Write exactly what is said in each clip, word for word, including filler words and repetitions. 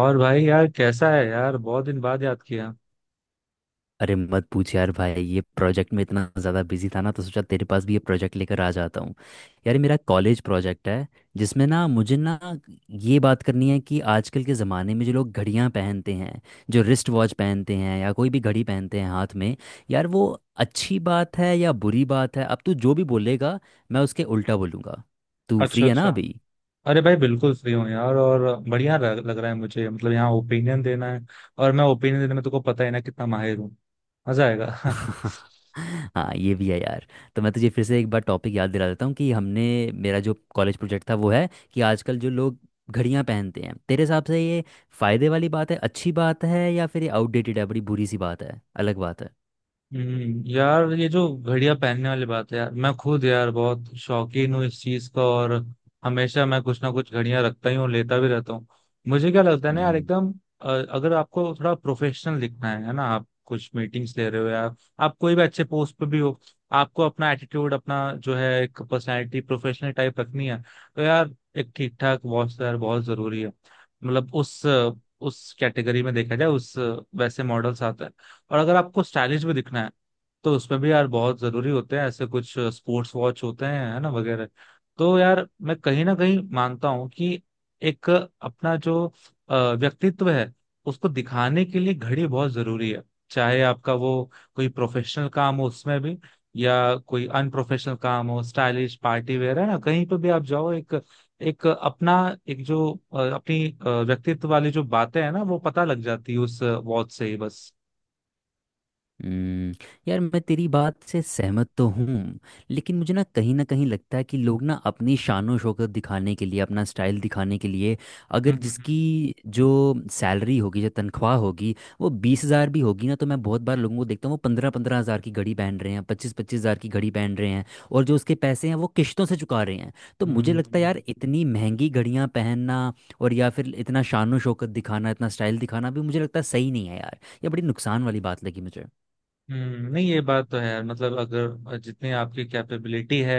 और भाई यार कैसा है यार, बहुत दिन बाद याद किया। अरे मत पूछ यार भाई। ये प्रोजेक्ट में इतना ज़्यादा बिजी था ना, तो सोचा तेरे पास भी ये प्रोजेक्ट लेकर आ जाता हूँ। यार ये मेरा कॉलेज प्रोजेक्ट है जिसमें ना मुझे ना ये बात करनी है कि आजकल के ज़माने में जो लोग घड़ियाँ पहनते हैं, जो रिस्ट वॉच पहनते हैं या कोई भी घड़ी पहनते हैं हाथ में, यार वो अच्छी बात है या बुरी बात है। अब तू जो भी बोलेगा मैं उसके उल्टा बोलूँगा। तू अच्छा, फ्री है ना अच्छा। अभी? अरे भाई बिल्कुल फ्री हूँ यार, और बढ़िया लग लग रहा है मुझे। मतलब यहाँ ओपिनियन देना है, और मैं ओपिनियन देने में तुमको पता ही ना कितना माहिर हूँ। मजा आएगा। हाँ ये भी है यार। तो मैं तुझे फिर से एक बार टॉपिक याद दिला देता हूँ कि हमने, मेरा जो कॉलेज प्रोजेक्ट था वो है कि आजकल जो लोग घड़ियां पहनते हैं, तेरे हिसाब से ये फायदे वाली बात है, अच्छी बात है, या फिर ये आउटडेटेड है, बड़ी बुरी सी बात है, अलग बात है। हम्म। यार ये जो घड़ियां पहनने वाली बात है यार, मैं खुद यार बहुत शौकीन हूँ इस चीज का। और हमेशा मैं कुछ ना कुछ घड़ियां रखता ही हूँ, लेता भी रहता हूँ। मुझे क्या लगता है ना यार, हम्म। एकदम अ, अगर आपको थोड़ा प्रोफेशनल दिखना है है ना, आप कुछ मीटिंग्स ले रहे हो यार, आप कोई भी अच्छे पोस्ट पे भी हो, आपको अपना एटीट्यूड, अपना जो है एक पर्सनैलिटी प्रोफेशनल टाइप रखनी है। तो यार एक ठीक ठाक वॉच तो यार बहुत जरूरी है। मतलब उस उस कैटेगरी में देखा जाए, उस वैसे मॉडल्स आते हैं। और अगर आपको स्टाइलिश भी दिखना है तो उसमें भी यार बहुत जरूरी होते हैं, ऐसे कुछ स्पोर्ट्स वॉच होते हैं, है ना, वगैरह। तो यार मैं कहीं ना कहीं मानता हूँ कि एक अपना जो अ, व्यक्तित्व है, उसको दिखाने के लिए घड़ी बहुत जरूरी है। चाहे आपका वो कोई प्रोफेशनल काम हो उसमें भी, या कोई अनप्रोफेशनल काम हो, स्टाइलिश पार्टी वेयर, है ना, कहीं पे भी आप जाओ, एक एक अपना एक जो अ, अपनी अ, व्यक्तित्व वाली जो बातें हैं ना, वो पता लग जाती है उस वॉच से ही, बस। हम्म, यार मैं तेरी बात से सहमत तो हूँ, लेकिन मुझे ना कहीं ना कहीं लगता है कि लोग ना अपनी शानो शौकत दिखाने के लिए, अपना स्टाइल दिखाने के लिए, अगर हम्म, जिसकी जो सैलरी होगी, जो तनख्वाह होगी, वो बीस हज़ार भी होगी ना, तो मैं बहुत बार लोगों को देखता हूँ वो पंद्रह पंद्रह हज़ार की घड़ी पहन रहे हैं, पच्चीस पच्चीस हज़ार की घड़ी पहन रहे हैं, और जो उसके पैसे हैं वो किश्तों से चुका रहे हैं। तो हम्म, मुझे लगता है हम्म। यार इतनी महंगी घड़ियाँ पहनना, और या फिर इतना शानो शौकत दिखाना इतना स्टाइल दिखाना भी मुझे लगता है सही नहीं है यार। ये बड़ी नुकसान वाली बात लगी मुझे। हम्म, नहीं ये बात तो है यार, मतलब अगर जितनी आपकी कैपेबिलिटी है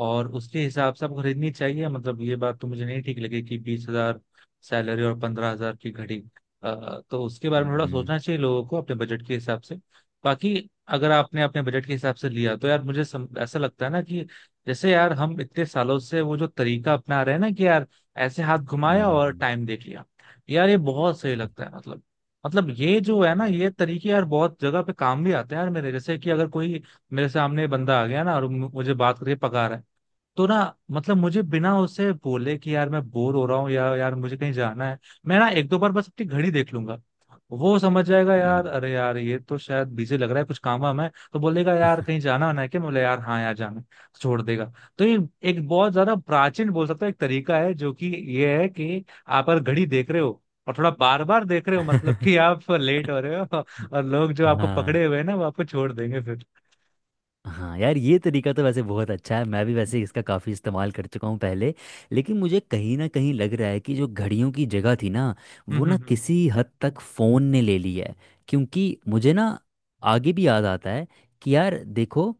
और उसके हिसाब से आपको खरीदनी चाहिए। मतलब ये बात तो मुझे नहीं ठीक लगी, कि बीस हजार सैलरी और पंद्रह हजार की घड़ी। अ, तो उसके बारे में थोड़ा हम्म, सोचना चाहिए लोगों को अपने बजट के हिसाब से। बाकी अगर आपने अपने बजट के हिसाब से लिया, तो यार मुझे सम, ऐसा लगता है ना, कि जैसे यार हम इतने सालों से वो जो तरीका अपना रहे हैं ना, कि यार ऐसे हाथ घुमाया और हम्म, टाइम देख लिया। यार ये बहुत सही लगता है। मतलब मतलब ये जो है ना, ये तरीके यार बहुत जगह पे काम भी आते हैं यार। मेरे जैसे कि अगर कोई मेरे सामने बंदा आ गया ना और मु- मुझे बात करके पका रहा है, तो ना मतलब मुझे बिना उसे बोले कि यार मैं बोर हो रहा हूँ या यार मुझे कहीं जाना है, मैं ना एक दो बार बस अपनी घड़ी देख लूंगा। वो समझ जाएगा यार, अरे यार ये तो शायद बिजी लग रहा है, कुछ काम वाम है, तो बोलेगा यार कहीं जाना होना है क्या, मैं बोले यार हाँ यार जाना है, छोड़ देगा। तो ये एक बहुत ज्यादा प्राचीन बोल सकता है एक तरीका है, जो कि ये है कि आप अगर घड़ी देख रहे हो और थोड़ा बार बार देख रहे हो, मतलब हम्म। कि आप लेट हो रहे हो, और लोग जो आपको हाँ। पकड़े हुए हैं ना, वो आपको छोड़ देंगे फिर। हाँ यार ये तरीका तो वैसे बहुत अच्छा है, मैं भी वैसे इसका काफ़ी इस्तेमाल कर चुका हूँ पहले। लेकिन मुझे कहीं ना कहीं लग रहा है कि जो घड़ियों की जगह थी ना, हम्म, वो ना हम्म, किसी हद तक फ़ोन ने ले ली है। क्योंकि मुझे ना आगे भी याद आता है कि यार देखो,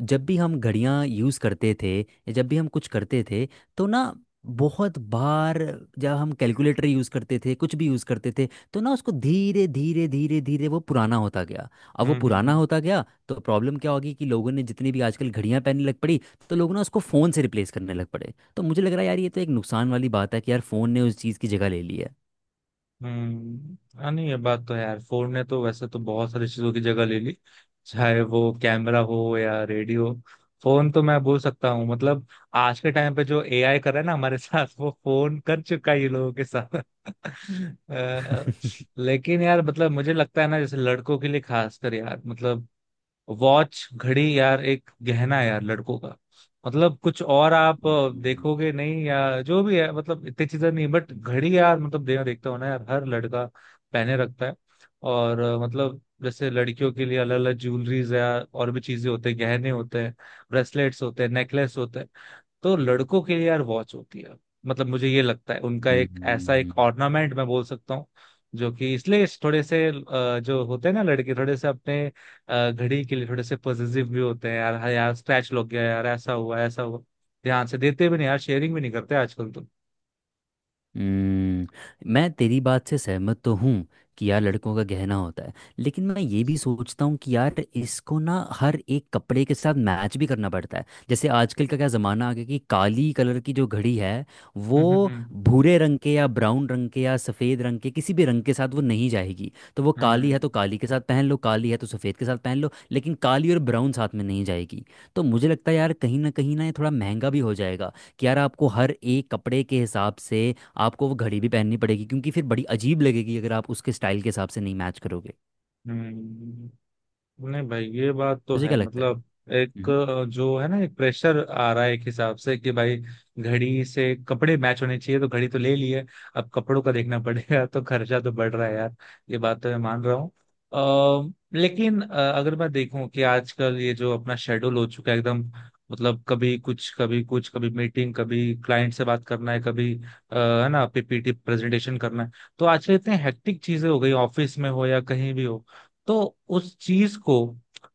जब भी हम घड़ियाँ यूज़ करते थे या जब भी हम कुछ करते थे तो ना, बहुत बार जब हम कैलकुलेटर यूज़ करते थे, कुछ भी यूज़ करते थे, तो ना उसको धीरे धीरे धीरे धीरे वो पुराना होता गया। अब हम्म, वो हम्म, हम्म, पुराना हम्म। होता गया। तो प्रॉब्लम क्या होगी कि लोगों ने जितनी भी आजकल घड़ियां पहनने लग पड़ी, तो लोगों ने उसको फ़ोन से रिप्लेस करने लग पड़े। तो मुझे लग रहा है यार ये तो एक नुकसान वाली बात है कि यार फ़ोन ने उस चीज़ की जगह ले ली है। हम्म। हाँ, नहीं ये बात तो है यार, फोन ने तो वैसे तो बहुत सारी चीजों की जगह ले ली। चाहे वो कैमरा हो या रेडियो। फोन तो मैं बोल सकता हूँ, मतलब आज के टाइम पे जो ए आई कर रहा है ना हमारे साथ, वो फोन कर चुका है ये लोगों के साथ। अ, लेकिन यार मतलब मुझे लगता है ना, जैसे लड़कों के लिए खासकर, यार मतलब वॉच, घड़ी यार एक गहना है यार, लड़कों का। मतलब कुछ और आप अ, हम्म, देखोगे नहीं, या जो भी है, मतलब इतनी चीजें नहीं, बट घड़ी यार मतलब दे, देखता हूं ना यार, हर लड़का पहने रखता है। और अ, मतलब जैसे लड़कियों के लिए अलग अलग ज्वेलरीज है यार, और भी चीजें होते हैं, गहने होते हैं, ब्रेसलेट्स होते हैं, नेकलेस होते हैं। तो लड़कों के लिए यार वॉच होती है। मतलब मुझे ये लगता है, उनका एक ऐसा एक हम्म, ऑर्नामेंट मैं बोल सकता हूँ, जो कि इसलिए इस थोड़े से अ, जो होते हैं ना लड़के, थोड़े से अपने अ, घड़ी के लिए थोड़े से पॉजिटिव भी होते हैं यार। हाँ यार स्क्रैच लग गया यार, ऐसा हुआ ऐसा हुआ, ध्यान से देते भी नहीं यार, शेयरिंग भी नहीं करते आजकल तो। हम्म, मैं तेरी बात से सहमत तो हूँ कि यार लड़कों का गहना होता है, लेकिन मैं ये भी सोचता हूँ कि यार इसको ना हर एक कपड़े के साथ मैच भी करना पड़ता है। जैसे आजकल का क्या ज़माना आ गया कि काली कलर की जो घड़ी है, वो हम्म, हम्म, भूरे रंग के या ब्राउन रंग के या सफ़ेद रंग के किसी भी रंग के साथ वो नहीं जाएगी। तो वो काली है तो हम्म, काली के साथ पहन लो, काली है तो सफ़ेद के साथ पहन लो, लेकिन काली और ब्राउन साथ में नहीं जाएगी। तो मुझे लगता है यार कहीं ना कहीं ना ये थोड़ा महंगा भी हो जाएगा कि यार आपको हर एक कपड़े के हिसाब से आपको वो घड़ी भी पहननी पड़ेगी, क्योंकि फिर बड़ी अजीब लगेगी अगर आप उसके स्टाइल के हिसाब से नहीं मैच करोगे। हम्म। हम्म, नहीं भाई ये बात तो तुझे है। क्या लगता मतलब है? एक अ, जो है ना एक प्रेशर आ रहा है एक हिसाब से, कि भाई घड़ी से कपड़े मैच होने चाहिए, तो घड़ी तो ले ली है, अब कपड़ों का देखना पड़ेगा, तो खर्चा तो बढ़ रहा है यार। ये बात तो मैं मान रहा हूँ। अ, लेकिन अ, अगर मैं देखूं, कि आजकल ये जो अपना शेड्यूल हो चुका है एकदम, मतलब कभी कुछ कभी कुछ, कभी मीटिंग, कभी क्लाइंट से बात करना है, कभी अ, है ना पी पी टी प्रेजेंटेशन करना है। तो आजकल इतने हेक्टिक चीजें हो गई, ऑफिस में हो या कहीं भी हो। तो उस चीज को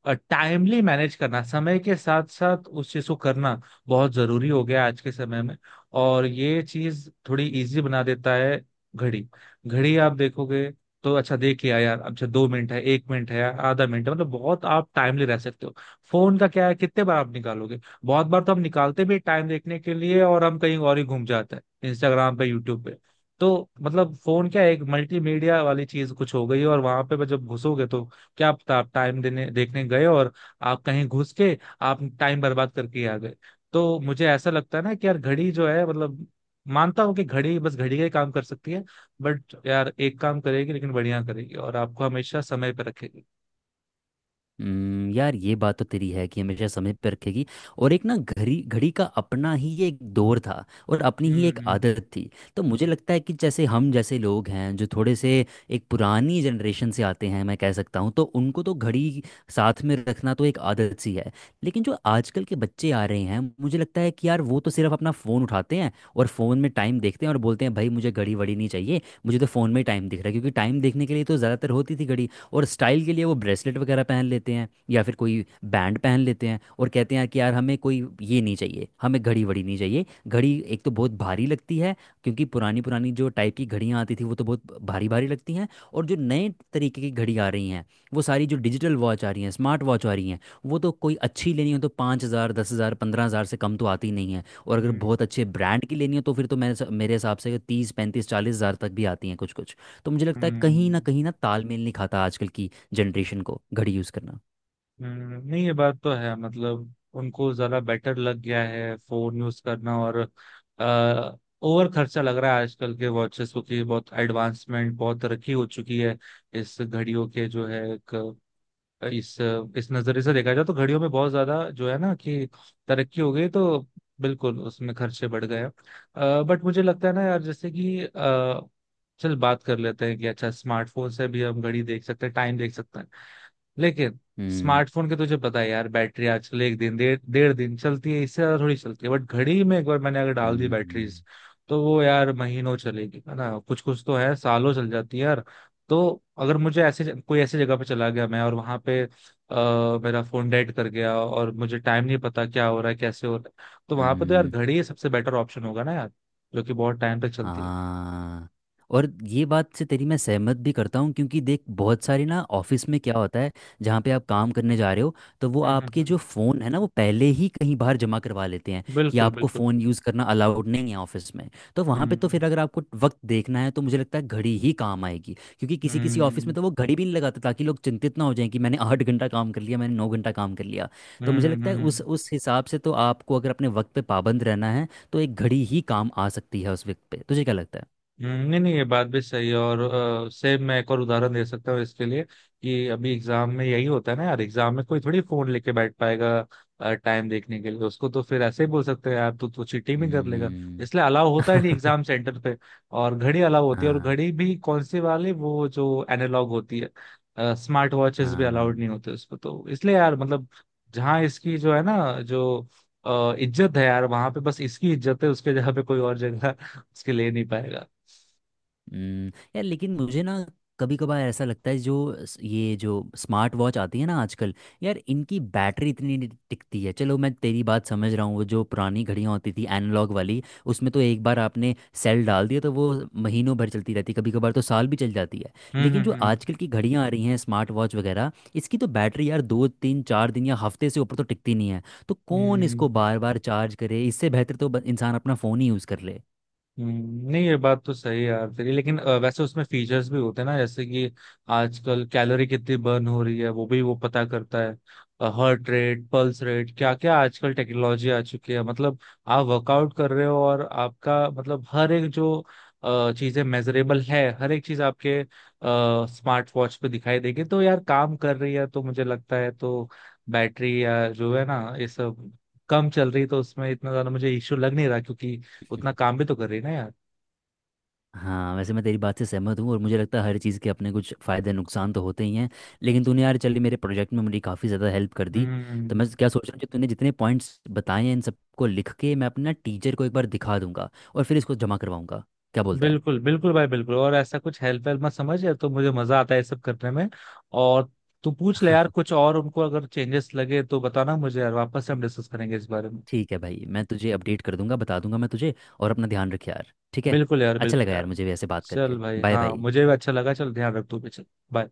टाइमली मैनेज करना, समय के साथ साथ उस चीज को करना बहुत जरूरी हो गया आज के समय में। और ये चीज थोड़ी इजी बना देता है, घड़ी। घड़ी आप देखोगे तो अच्छा, देख लिया यार, अच्छा दो मिनट है, एक मिनट है, आधा मिनट है, मतलब बहुत आप टाइमली रह सकते हो। फोन का क्या है, कितने बार आप निकालोगे, बहुत बार तो हम निकालते भी टाइम देखने के लिए, और हम कहीं और ही घूम जाते हैं, इंस्टाग्राम पे, यूट्यूब पे। तो मतलब फोन क्या है, एक मल्टीमीडिया वाली चीज कुछ हो गई है, और वहां पे जब घुसोगे, तो क्या पता आप टाइम देने देखने गए, और आप कहीं घुस के आप टाइम बर्बाद करके आ गए। तो मुझे ऐसा लगता है ना, कि यार घड़ी जो है, मतलब मानता हूँ कि घड़ी बस घड़ी का ही काम कर सकती है, बट यार एक काम करेगी लेकिन बढ़िया करेगी, और आपको हमेशा समय पर रखेगी। हम्म, यार ये बात तो तेरी है कि हमेशा समय पे रखेगी। और एक ना घड़ी घड़ी का अपना ही एक दौर था और अपनी ही एक हम्म, आदत थी। तो मुझे लगता है कि जैसे हम जैसे लोग हैं जो थोड़े से एक पुरानी जनरेशन से आते हैं, मैं कह सकता हूँ, तो उनको तो घड़ी साथ में रखना तो एक आदत सी है। लेकिन जो आजकल के बच्चे आ रहे हैं मुझे लगता है कि यार वो तो सिर्फ अपना फ़ोन उठाते हैं और फ़ोन में टाइम देखते हैं और बोलते हैं भाई मुझे घड़ी वड़ी नहीं चाहिए, मुझे तो फ़ोन में टाइम दिख रहा है, क्योंकि टाइम देखने के लिए तो ज़्यादातर होती थी घड़ी। और स्टाइल के लिए वो ब्रेसलेट वगैरह पहन लेते हैं या फिर कोई बैंड पहन लेते हैं और कहते हैं कि यार हमें कोई ये नहीं चाहिए, हमें घड़ी वड़ी नहीं चाहिए। घड़ी एक तो बहुत भारी लगती है, क्योंकि पुरानी पुरानी जो टाइप की घड़ियाँ आती थी वो तो बहुत भारी भारी लगती हैं। और जो नए तरीके की घड़ी आ रही हैं, वो सारी जो डिजिटल वॉच आ रही हैं, स्मार्ट वॉच आ रही हैं, वो तो कोई अच्छी लेनी हो तो पाँच हज़ार दस हज़ार पंद्रह हज़ार से कम तो आती नहीं है, और अगर हम्म, बहुत अच्छे ब्रांड की लेनी हो तो फिर तो मेरे मेरे हिसाब से तीस पैंतीस चालीस हज़ार तक भी आती हैं कुछ कुछ। तो मुझे लगता है हम्म, कहीं ना हम्म। कहीं ना तालमेल नहीं खाता आजकल की जनरेशन को घड़ी यूज़ करना। हम्म, नहीं ये बात तो है, मतलब उनको जरा बेटर लग गया है फोन यूज करना। और आ, ओवर खर्चा लग रहा है आजकल के वॉचेस को, कि बहुत एडवांसमेंट, बहुत तरक्की हो चुकी है इस घड़ियों के जो है एक, इस इस नजरिए से देखा जाए, तो घड़ियों में बहुत ज्यादा जो है ना कि तरक्की हो गई, तो बिल्कुल उसमें खर्चे बढ़ गए। बट मुझे लगता है ना यार, जैसे कि अ, चल बात कर लेते हैं, कि अच्छा स्मार्टफोन से भी हम घड़ी देख सकते हैं, टाइम देख सकते हैं। लेकिन हम्म, स्मार्टफोन के, तुझे पता है यार, बैटरी आजकल एक दिन, डेढ़ डेढ़ दिन चलती है, इससे ज्यादा थोड़ी चलती है। बट घड़ी में एक बार मैंने अगर डाल दी हम्म, बैटरीज, तो वो यार महीनों चलेगी, है ना, कुछ कुछ तो है सालों चल जाती है यार। तो अगर मुझे ऐसे कोई, ऐसी जगह पे चला गया मैं और वहां पे आ, मेरा फोन डेड कर गया, और मुझे टाइम नहीं पता क्या हो रहा है, कैसे हो रहा है, तो वहां पे तो यार हम्म, घड़ी सबसे बेटर ऑप्शन होगा ना यार, जो कि बहुत टाइम तक चलती है। हाँ। और ये बात से तेरी मैं सहमत भी करता हूँ, क्योंकि देख बहुत सारी ना ऑफिस में क्या होता है, जहाँ पे आप काम करने जा रहे हो तो वो हम्म, हम्म, आपके हम्म। जो फ़ोन है ना वो पहले ही कहीं बाहर जमा करवा लेते हैं कि बिल्कुल, आपको बिल्कुल। फ़ोन यूज़ करना अलाउड नहीं है ऑफिस में। तो वहाँ पे तो हम्म, फिर अगर आपको वक्त देखना है तो मुझे लगता है घड़ी ही काम आएगी। क्योंकि किसी किसी ऑफिस हम्म, में तो वो घड़ी भी नहीं लगाते ताकि लोग चिंतित ना हो जाएं कि मैंने आठ घंटा काम कर लिया मैंने नौ घंटा काम कर लिया। तो हम्म, मुझे हम्म, लगता है हम्म। उस उस हिसाब से तो आपको अगर अपने वक्त पे पाबंद रहना है तो एक घड़ी ही काम आ सकती है उस वक्त पे। तुझे क्या लगता है? हम्म, नहीं नहीं, ये बात भी सही है, और अ, सेम मैं एक और उदाहरण दे सकता हूँ इसके लिए, कि अभी एग्जाम में यही होता है ना यार, एग्जाम में कोई थोड़ी फोन लेके बैठ पाएगा टाइम देखने के लिए, उसको तो फिर ऐसे ही बोल सकते हैं यार तू तो चीटिंग भी कर लेगा, हम्म। इसलिए अलाउ होता है नहीं एग्जाम सेंटर पे। और घड़ी अलाउ होती है, और हाँ। घड़ी भी कौन सी वाली, वो जो एनालॉग होती है, स्मार्ट वॉचेस भी अलाउड हाँ। नहीं होते उसको। तो इसलिए यार मतलब, जहाँ इसकी जो है ना, जो अ, इज्जत है यार, वहां पे बस इसकी इज्जत है, उसके जगह पे कोई और जगह उसके ले नहीं पाएगा। हम्म, यार लेकिन मुझे ना कभी कभार ऐसा लगता है जो स- ये जो स्मार्ट वॉच आती है ना आजकल, यार इनकी बैटरी इतनी नहीं टिकती है। चलो मैं तेरी बात समझ रहा हूँ, वो जो पुरानी घड़ियाँ होती थी एनालॉग वाली, उसमें तो एक बार आपने सेल डाल दिया तो वो महीनों भर चलती रहती, कभी कभार तो साल भी चल जाती है। हम्म, लेकिन जो हम्म, आजकल की घड़ियाँ आ रही हैं स्मार्ट वॉच वगैरह, इसकी तो बैटरी यार दो तीन चार दिन या हफ्ते से ऊपर तो टिकती नहीं है। तो कौन हम्म, इसको हम्म। बार बार चार्ज करे? इससे बेहतर तो ब- इंसान अपना फ़ोन ही यूज़ कर ले। हम्म, नहीं ये बात तो सही है यार तेरी, लेकिन अ, वैसे उसमें फीचर्स भी होते हैं ना, जैसे कि आजकल कैलोरी कितनी बर्न हो रही है, वो भी वो पता करता है, हार्ट रेट, पल्स रेट, क्या क्या आजकल टेक्नोलॉजी आ चुकी है, मतलब आप वर्कआउट कर रहे हो, और आपका मतलब हर एक जो अ, चीजें मेजरेबल है, हर एक चीज आपके स्मार्ट वॉच पे दिखाई देगी, तो यार काम कर रही है। तो मुझे लगता है, तो बैटरी या जो है ना ये सब कम चल रही, तो उसमें इतना ज्यादा मुझे इश्यू लग नहीं रहा, क्योंकि उतना काम भी तो कर रही है ना यार। हाँ वैसे मैं तेरी बात से सहमत हूँ और मुझे लगता है हर चीज़ के अपने कुछ फ़ायदे नुकसान तो होते ही हैं। लेकिन तूने यार चल मेरे प्रोजेक्ट में मेरी काफ़ी ज़्यादा हेल्प कर दी। तो हम्म। मैं क्या सोच रहा हूँ कि तूने जितने पॉइंट्स बताए हैं इन सबको लिख के मैं अपना टीचर को एक बार दिखा दूंगा, और फिर इसको जमा करवाऊंगा। क्या बोलता है? बिल्कुल, बिल्कुल भाई, बिल्कुल, और ऐसा कुछ हेल्प वेल्प मत समझ यार, तो मुझे मजा आता है ये सब करने में। और तू पूछ ले यार हाँ, कुछ और, उनको अगर चेंजेस लगे तो बताना मुझे यार, वापस से हम डिस्कस करेंगे इस बारे में। ठीक है भाई, मैं तुझे अपडेट कर दूंगा, बता दूंगा मैं तुझे। और अपना ध्यान रख यार, ठीक है? बिल्कुल यार, अच्छा बिल्कुल लगा यार यार। मुझे भी ऐसे बात चल करके। भाई, बाय हाँ बाय। मुझे भी अच्छा लगा, चल ध्यान रख तू भी, चल बाय।